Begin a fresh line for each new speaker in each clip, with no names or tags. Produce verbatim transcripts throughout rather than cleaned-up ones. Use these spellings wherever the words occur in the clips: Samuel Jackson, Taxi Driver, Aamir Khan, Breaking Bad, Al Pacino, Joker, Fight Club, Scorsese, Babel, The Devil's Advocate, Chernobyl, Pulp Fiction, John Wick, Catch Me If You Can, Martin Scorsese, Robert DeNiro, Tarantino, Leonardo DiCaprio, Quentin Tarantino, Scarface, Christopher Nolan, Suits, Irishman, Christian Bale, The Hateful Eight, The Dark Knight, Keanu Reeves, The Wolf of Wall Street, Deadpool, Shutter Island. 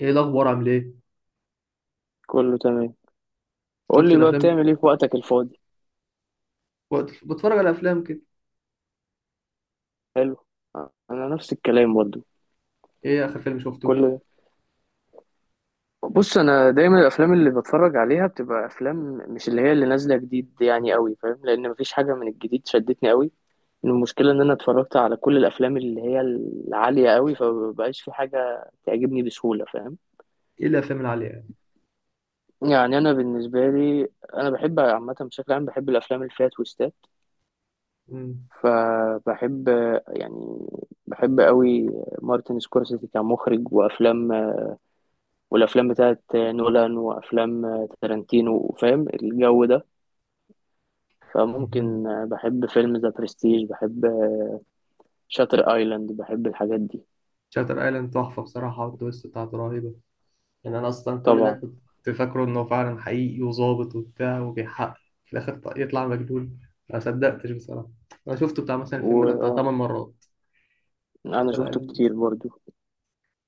ايه الاخبار؟ عامل ايه؟
كله تمام. قول
شفت
لي بقى
الافلام،
بتعمل ايه في وقتك الفاضي؟
وقت بتفرج على افلام كده.
حلو. انا نفس الكلام برضو.
ايه اخر فيلم شفته؟
كل بص انا دايما الافلام اللي بتفرج عليها بتبقى افلام، مش اللي هي اللي نازله جديد، يعني قوي، فاهم؟ لان مفيش حاجه من الجديد شدتني قوي. المشكله ان انا اتفرجت على كل الافلام اللي هي العاليه قوي، فمبقاش في حاجه تعجبني بسهوله، فاهم؟
ايه الافلام اللي عليها يعني؟
يعني انا بالنسبه لي، انا بحب عامه، بشكل عام بحب الافلام اللي فيها تويستات.
امم
فبحب يعني بحب قوي مارتن سكورسيزي كمخرج، وافلام، والافلام بتاعت نولان، وافلام تارانتينو، فاهم الجو ده؟ فممكن
مهم.
بحب فيلم ذا برستيج، بحب شاتر ايلاند، بحب الحاجات دي.
شاتر ايلاند تحفه بصراحه والتويست بتاعته رهيبه. يعني انا اصلا كل ده
طبعا.
كنت فاكره انه فعلا حقيقي وظابط وبتاع وبيحقق، في الاخر ط- يطلع مجنون. ما صدقتش بصراحه. انا شفته بتاع مثلا
و
الفيلم ده بتاع
اه
8 مرات.
انا
شاتر
شفته
ايلاند
كتير برضو.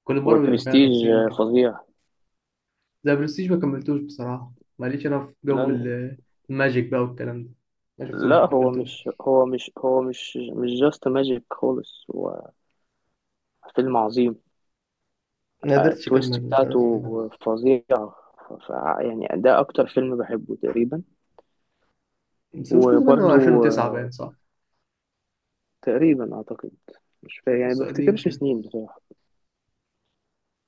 كل مره بيبقى فيها
وبرستيج
تفصيله كده.
فظيع.
ذا برستيج ما كملتوش بصراحه. ماليش انا في جو
لأن-
ال- الماجيك بقى والكلام ده. ما شفتوش
لا،
ما
هو مش
كملتوش.
هو مش هو مش مش جاست ماجيك خالص، هو فيلم عظيم.
ما
آه،
قدرتش
التويست
اكمل، مش عارف
بتاعته
ليه.
فظيعة. ف- يعني ده أكتر فيلم بحبه تقريبا.
بس مش كده بقى، هو
وبرضو
ألفين وتسعة
آه،
باين، صح؟
تقريبا أعتقد. مش فا... يعني
فتحسه قديم
بفتكرش
كده.
سنين بصراحة.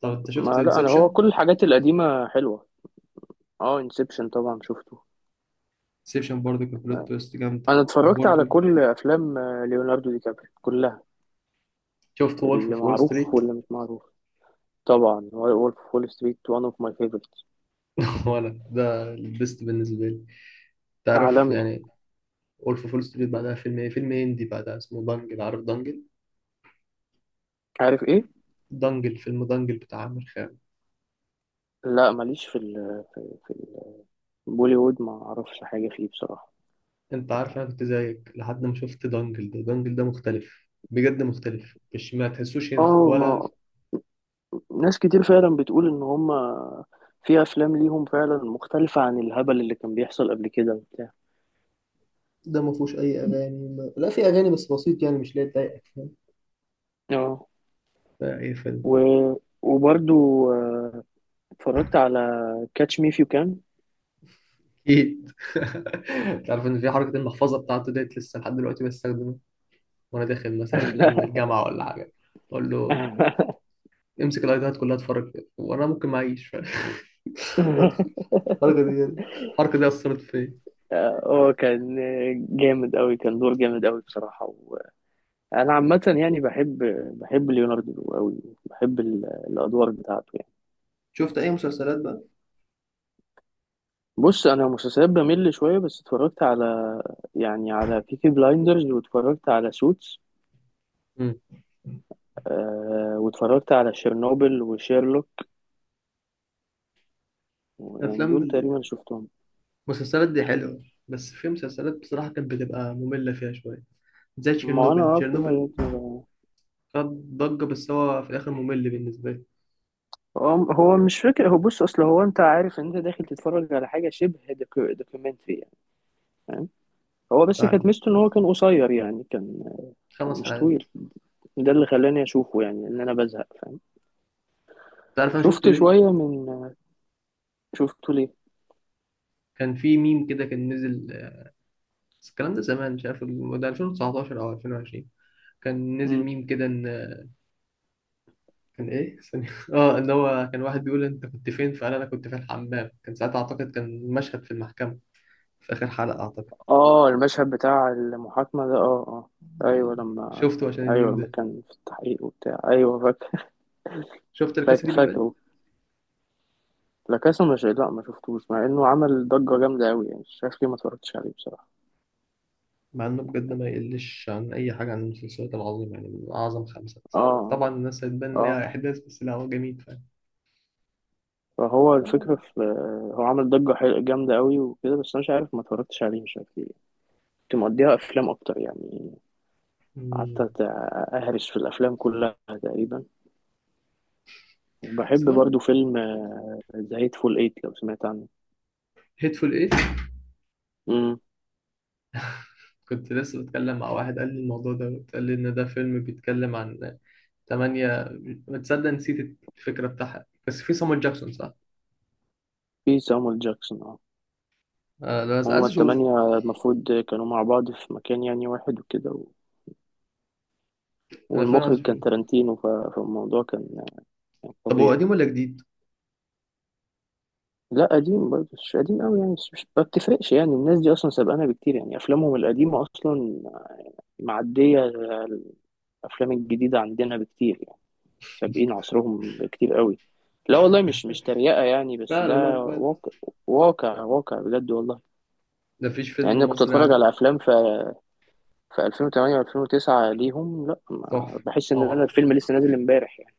طب انت
ما
شفت
لا، أنا هو
انسبشن؟
كل الحاجات القديمة حلوة. اه، انسبشن طبعا شفته.
انسبشن برضه كان بلوت تويست جامده.
أنا اتفرجت على
وبرضه
كل أفلام آه، ليوناردو دي كابري كلها،
شفت وولف
اللي
اوف وول
معروف
ستريت.
واللي مش معروف. طبعا وولف وول ستريت وان اوف ماي فيفورتس.
وانا ده البيست بالنسبه لي، تعرف
عالمي.
يعني. وولف اوف وول ستريت بعدها فيلم ايه، فيلم هندي بعدها اسمه دانجل. عارف دانجل؟
عارف ايه؟
دانجل، فيلم دانجل بتاع عامر خان.
لا ماليش في ال... في البوليوود، ما اعرفش حاجة فيه بصراحة.
انت عارف انا كنت زيك لحد ما شفت دانجل. ده دانجل ده مختلف بجد، مختلف، مش ما تحسوش انت
اه ما
ولا.
ناس كتير فعلا بتقول ان هما في افلام ليهم فعلا مختلفة عن الهبل اللي كان بيحصل قبل كده وبتاع.
ده ما فيهوش اي اغاني ما... لا في اغاني بس بسيط يعني، مش لا تضايقك.
اه.
اقفل.
و... وبرضو آه، اتفرجت على كاتش مي فيو كان.
اكيد. تعرف ان في حركه المحفظه بتاعته ديت لسه لحد دلوقتي بستخدمها. وانا داخل مثلا امن الجامعه ولا حاجه، اقول له امسك الايدات كلها اتفرج فيها. وانا ممكن ما اعيش فاهم؟ وأدخل. الحركه دي، الحركه دي اثرت فيا.
اه، كان جامد قوي، كان دور جامد قوي بصراحة. وانا عامة يعني بحب، بحب ليوناردو قوي، بحب ال- الادوار بتاعته يعني.
شفت اي مسلسلات بقى؟
بص انا مسلسلات بمل شوية، بس اتفرجت على، يعني على بيكي بلايندرز، واتفرجت على سوتس،
مم.
آه، واتفرجت على شيرنوبل وشيرلوك، يعني
افلام
دول تقريبا
ال-
شفتهم.
المسلسلات دي حلوه، بس في مسلسلات بصراحه كانت بتبقى ممله فيها شويه، زي
ما انا
تشيرنوبل.
اه في حاجات
تشيرنوبل
ما-
خد ضجه بس هو في الاخر ممل بالنسبه لي.
هو هو مش فكرة. هو بص، اصل هو انت عارف ان انت داخل تتفرج على حاجة شبه دوكيومنتري يعني، فاهم؟ هو بس كانت
فعلا،
ميزته ان هو كان قصير يعني، كان كان
خمس
مش
حلقات
طويل. ده اللي خلاني اشوفه يعني، ان انا بزهق، فاهم؟
تعرف انا شفته
شفت
ليه؟
شوية من شفته ليه.
كان في ميم كده كان نزل. بس الكلام ده زمان، مش عارف الم- ده ألفين وتسعتاشر او ألفين وعشرين. كان نزل
مم.
ميم كده ان كان ايه ثانية اه، ان هو كان واحد بيقول انت كنت فين، فقال انا كنت في الحمام. كان ساعتها اعتقد كان مشهد في المحكمة، في اخر حلقة اعتقد.
اه المشهد بتاع المحاكمة ده اه. اه
ولا،
ايوه، لما
شفته
كان
عشان
ايوه
الميم
لما
ده.
كان في التحقيق وبتاع، ايوه فاكر.
شفت الكاسة
فاكر
دي بابل؟
فاكر لا كاسا، مش لا ما شفتوش، مع انه عمل ضجة جامدة قوي يعني، شايف ليه ما اتفرجتش عليه بصراحة.
مع انه بجد ما يقلش عن اي حاجة عن المسلسلات العظيمة، يعني من اعظم خمسة.
اه.
طبعا الناس هتبان ان
اه.
هي احداث بس لا، هو جميل فعلا.
فهو الفكرة
طبعا.
في، هو عمل ضجة حل- جامدة قوي وكده، بس انا مش عارف ما اتفرجتش عليه، مش عارف ليه. كنت مقضيها افلام اكتر يعني. قعدت
مم.
أت- اهرس في الافلام كلها تقريبا. وبحب
بس برضه
برضو فيلم ذا هيتفول ايت، لو سمعت عنه.
هيتفول ايه؟
امم.
كنت لسه بتكلم مع واحد قال لي الموضوع ده، قال لي ان ده فيلم بيتكلم عن تمانية. بتصدق نسيت الفكرة بتاعها، بس في صامويل جاكسون، صح؟
في سامويل جاكسون اه.
آه لا، بس
هما
عايز أشوف.
التمانية المفروض كانوا مع بعض في مكان يعني، واحد وكده و...
أنا فعلا عايز
والمخرج
أشوف.
كان تارانتينو، ف... فالموضوع كان
طب هو
فظيع.
قديم ولا جديد؟
لا قديم برضه، مش قديم قوي يعني، بس مش ما بتفرقش يعني، الناس دي اصلا سابقانا بكتير يعني، افلامهم القديمه اصلا معديه الافلام الجديده عندنا بكتير يعني، سابقين عصرهم بكتير قوي. لا والله، مش مش تريقه يعني، بس
فعلا،
ده
لا فعلا.
واقع. واقع واقع بجد والله.
ده مفيش
يعني
فيلم
انا كنت
مصري
اتفرج
عجب.
على افلام في في ألفين وتمانية و2009 ليهم، لا ما
تحفة.
بحس ان انا
طبعا.
الفيلم لسه نازل امبارح يعني.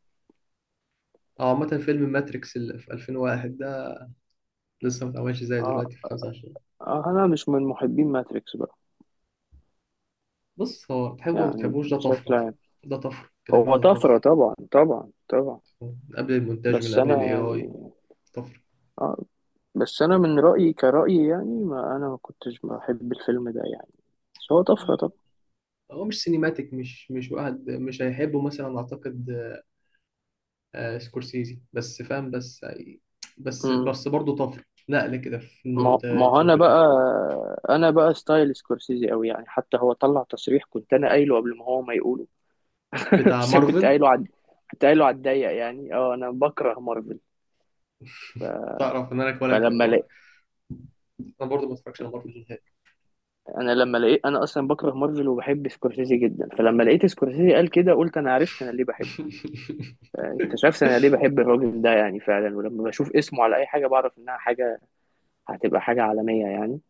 أو عامة فيلم ماتريكس اللي في ألفين وواحد ده، لسه ما اتعملش زي
اه.
دلوقتي في خمسة وعشرين.
اه انا مش من محبين ماتريكس بقى،
بص، هو تحبه ما
يعني
تحبوش ده طفرة،
بشكل
عشان
عام.
ده طفرة كده كده،
هو
ده طفرة.
طفره طبعا، طبعا طبعا
من قبل المونتاج، من
بس
قبل
انا
الاي
يعني،
اي. طفرة.
اه، بس انا من رايي كرايي يعني، ما انا ما كنتش بحب الفيلم ده يعني، بس هو طفره طبعا.
هو مش سينيماتيك، مش مش واحد مش هيحبه مثلا أعتقد، آه سكورسيزي، بس فاهم بس يعني، بس
امم.
بس برضه طفل نقلة كده في
ما ما هو
المونتاج
انا
وفي
بقى
الأفكار.
انا بقى ستايل سكورسيزي قوي يعني، حتى هو طلع تصريح كنت انا قايله قبل ما هو ما يقوله.
بتاع
بس أنا كنت
مارفل.
قايله عد... كنت قايله على الضيق يعني، اه انا بكره مارفل.
تعرف إن أنا كولا
فلما
و-
لقيت
أنا برضه ما اتفرجش على مارفل نهائي.
انا لما لقيت انا اصلا بكره مارفل وبحب سكورسيزي جدا، فلما لقيت سكورسيزي قال كده قلت انا عرفت انا ليه بحبه. اكتشفت انا ليه بحب الراجل ده يعني فعلا، ولما بشوف اسمه على اي حاجه بعرف انها حاجه هتبقى حاجة عالمية يعني.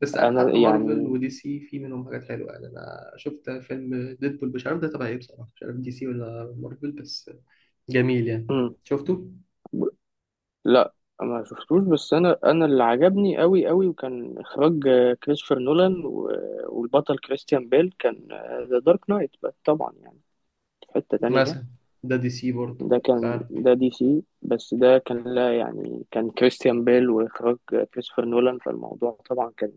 بس عارف
انا
حتى مارفل
يعني.
ودي سي في منهم حاجات حلوة، يعني أنا شفت فيلم ديدبول مش عارف ده تبع إيه بصراحة، مش عارف دي سي ولا مارفل، بس جميل يعني.
مم.
شفته
ب- لا ما شفتوش. بس انا انا اللي عجبني قوي قوي وكان اخراج آه، كريستوفر نولان و- والبطل كريستيان بيل، كان ذا دارك نايت طبعا يعني. في حتة تانية.
مثلا، ده دي سي برضه
ده كان
فاهم.
ده دي سي، بس ده كان لا يعني، كان كريستيان بيل واخراج آه، كريستوفر نولان، فالموضوع طبعا كان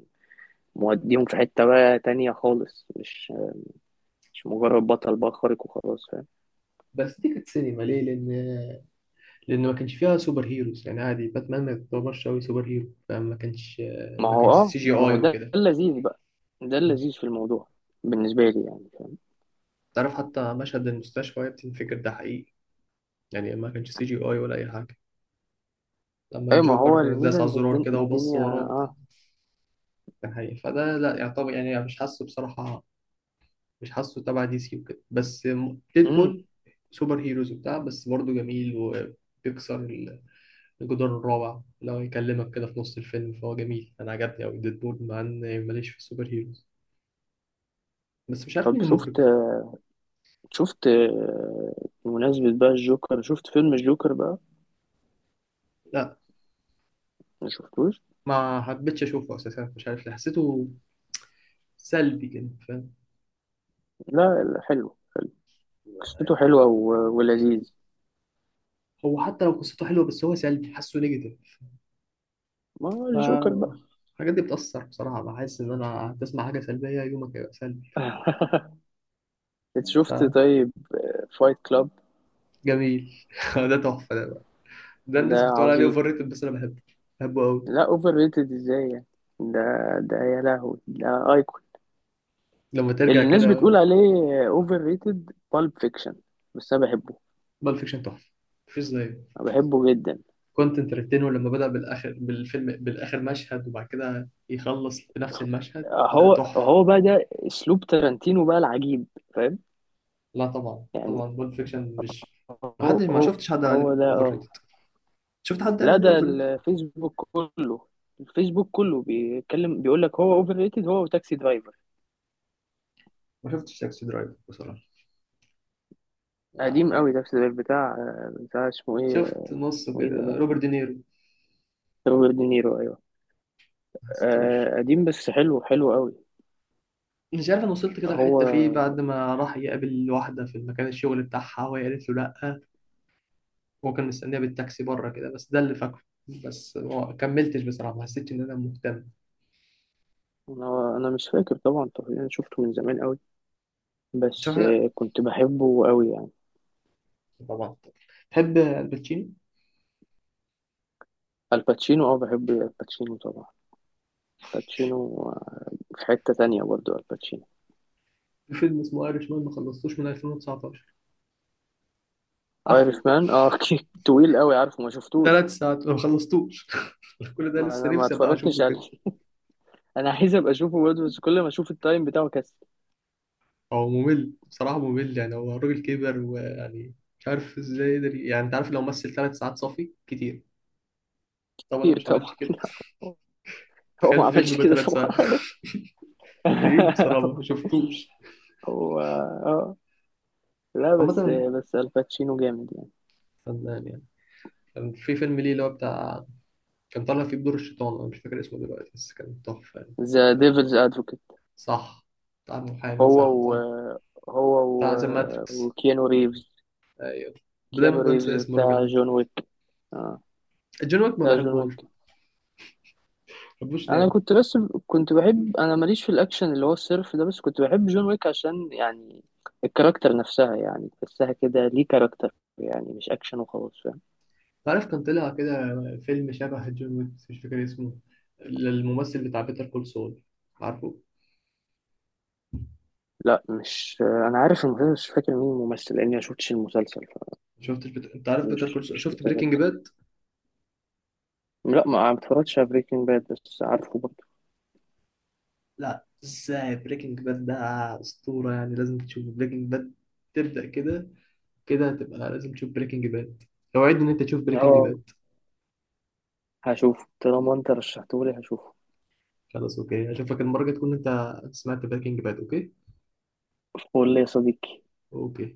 موديهم في حتة بقى تانية خالص، مش مش مجرد بطل بقى خارق وخلاص.
بس دي كانت سينما ليه؟ لأن لان ما كانش فيها سوبر هيروز يعني، عادي، باتمان ما يعتبرش قوي سوبر هيرو، فما كانش،
ما
ما
هو
كانش
اه
سي جي
ما هو
اي
ده
وكده.
اللذيذ بقى، ده اللذيذ في الموضوع بالنسبة لي يعني، فاهم؟
تعرف حتى مشهد المستشفى تنفكر ده حقيقي، يعني ما كانش سي جي اي ولا اي حاجه. لما
اي ما هو
الجوكر
الميزة
داس على
ان
الزرار
الدن...
كده وبص
الدنيا
وراه بتاع،
اه.
كان حقيقي. فده لا يعتبر يعني، مش حاسه بصراحه، مش حاسه تبع دي سي وكده. بس
امم.
ديدبول سوبر هيروز وبتاع، بس برضه جميل وبيكسر الجدار الرابع لو يكلمك كده في نص الفيلم، فهو جميل، انا عجبني قوي ديدبول مع ان ماليش في السوبر هيروز. بس مش عارف
طب
مين
شفت
المخرج.
شفت آه، بمناسبة بقى الجوكر، شفت فيلم الجوكر بقى؟
لا،
ما شفتوش.
ما حبيتش اشوفه اساسا، مش عارف ليه حسيته سلبي كده فاهم.
لا لا، حلو. قصته حلوة و... ولذيذ.
هو حتى لو قصته حلوه بس هو سلبي، حاسه نيجاتيف.
ما هو
ف
الجوكر بقى.
الحاجات دي بتأثر بصراحة، بحس إن أنا هتسمع حاجة سلبية يومك هيبقى سلبي،
انت شفت
فاهم؟
طيب فايت كلاب؟
فجميل ده تحفة ده بقى. ده
ده
الناس بتقول عليه
عظيم.
أوفر ريتد بس أنا بحبه، بحبه أوي.
لا اوفر ريتد ازاي يعني؟ ده ده يا لهوي ده ايقونة.
لما ترجع
الناس
كده.
بتقول عليه اوفر ريتد بالب فيكشن، بس انا بحبه.
بالب فيكشن تحفة، مفيش زيه.
انا بحبه جدا.
كوينتين ترنتينو لما بدأ بالآخر بالفيلم، بالآخر مشهد وبعد كده يخلص بنفس المشهد، ده
هو
تحفة.
هو بقى ده اسلوب تارانتينو بقى العجيب، فاهم؟
لا طبعا
يعني
طبعا بول فيكشن مش. ما
هو
حدش ما
هو
شفتش حد قال
هو
عليه
ده
اوفر
اه.
ريتد. شفت حد قال
لا،
عليه
ده
اوفر ريتد؟
الفيسبوك كله، الفيسبوك كله بيتكلم بيقول لك هو اوفر ريتد، هو وتاكسي درايفر.
ما شفتش تاكسي درايف بصراحه. لا،
قديم
حد-
قوي تاكسي درايفر، بتاع بتاع اسمه ايه،
شفت نصه
اسمه ايه ده
كده روبرت
بنسى.
دينيرو.
روبرت دينيرو ايوه،
ما حسيتوش.
آه، قديم بس حلو، حلو قوي.
مش عارف، انا وصلت كده الحته فيه بعد
هو
ما راح يقابل واحده في مكان الشغل بتاعها وهي قالت له لا، هو كان مستنيها بالتاكسي بره كده، بس ده اللي فاكره. بس ما كملتش بصراحه، ما حسيتش ان انا مهتم.
انا انا مش فاكر طبعا. طب انا شفته من زمان قوي،
تشوف
بس
حاجه.
آه، كنت بحبه قوي يعني.
طبعا. تحب الباتشينو؟
الباتشينو اه، بحب الباتشينو طبعا. الباتشينو آه، في حتة تانية برضو الباتشينو.
في فيلم اسمه ايرش مان، ما خلصتوش من ألفين وتسعتاشر،
ايرش
عارفه.
مان اه. أوكي. طويل قوي، عارفه ما شفتوش.
ثلاث ساعات ما خلصتوش كل ده.
ما-
لسه
انا ما
نفسي ابقى
اتفرجتش
اشوفه
عليه.
كده.
انا عايز ابقى اشوفه برضه، بس كل ما اشوف التايم بتاعه كسر.
هو ممل بصراحة، ممل يعني، هو الراجل كبر ويعني مش عارف ازاي يقدر، يعني انت عارف لو مثل ثلاث ساعات صافي، كتير. طبعا انا
كتير
مش عملتش
طبعا.
كده.
لا، هو هو
تخيل
ما
فيلم
عملش
بقى
كده
ثلاث ساعات
طبعا.
بعيد بصراحة، ما شفتوش.
هو اه لا، بس
عامة
بس الباتشينو جامد يعني.
فنان يعني. كان في فيلم ليه اللي هو بتاع، كان طالع فيه بدور الشيطان، انا مش فاكر اسمه دلوقتي بس كان تحفة يعني.
ذا
كان.
ديفلز ادفوكيت.
صح. بتاع المحامي،
هو
صح
و
صح.
هو و
بتاع ذا ماتريكس.
وكيانو ريفز.
ايوه. دايما
كيانو
بنسى
ريفز
اسم الراجل
بتاع
ده.
جون ويك. اه
جون ويك ما
بتاع جون ويك.
بحبوش، ما بحبوش.
انا كنت بس كنت بحب، انا ماليش في الاكشن اللي هو الصرف ده، بس كنت بحب جون ويك عشان يعني الكاركتر نفسها يعني، تحسها كده ليه كاركتر يعني، مش اكشن وخلاص، فاهم؟
تعرف كان طلع كده فيلم شبه جون ويك بس مش فاكر اسمه، للممثل بتاع بيتر كول سول. عارفه؟
لا مش آه، انا عارف المسلسل، مش فاكر مين الممثل لاني ما شفتش المسلسل،
شفتش بت... انت عارف بيتر
فمش
كول سول؟
مش
شفت بريكنج
متذكر.
باد؟
لا ما اتفرجتش على بريكنج باد، بس عارفه برضه.
لا ازاي، بريكنج باد ده اسطورة يعني، لازم تشوف بريكنج باد. تبدأ كده، كده هتبقى لازم تشوف بريكنج باد. اوعدني ان انت تشوف بريكنج
اه
باد.
هشوفه، طالما انت رشحتهولي هشوفه.
خلاص اوكي، اشوفك المرة الجاية تكون انت سمعت بريكنج باد. اوكي.
قول لي يا صديقي.
اوكي.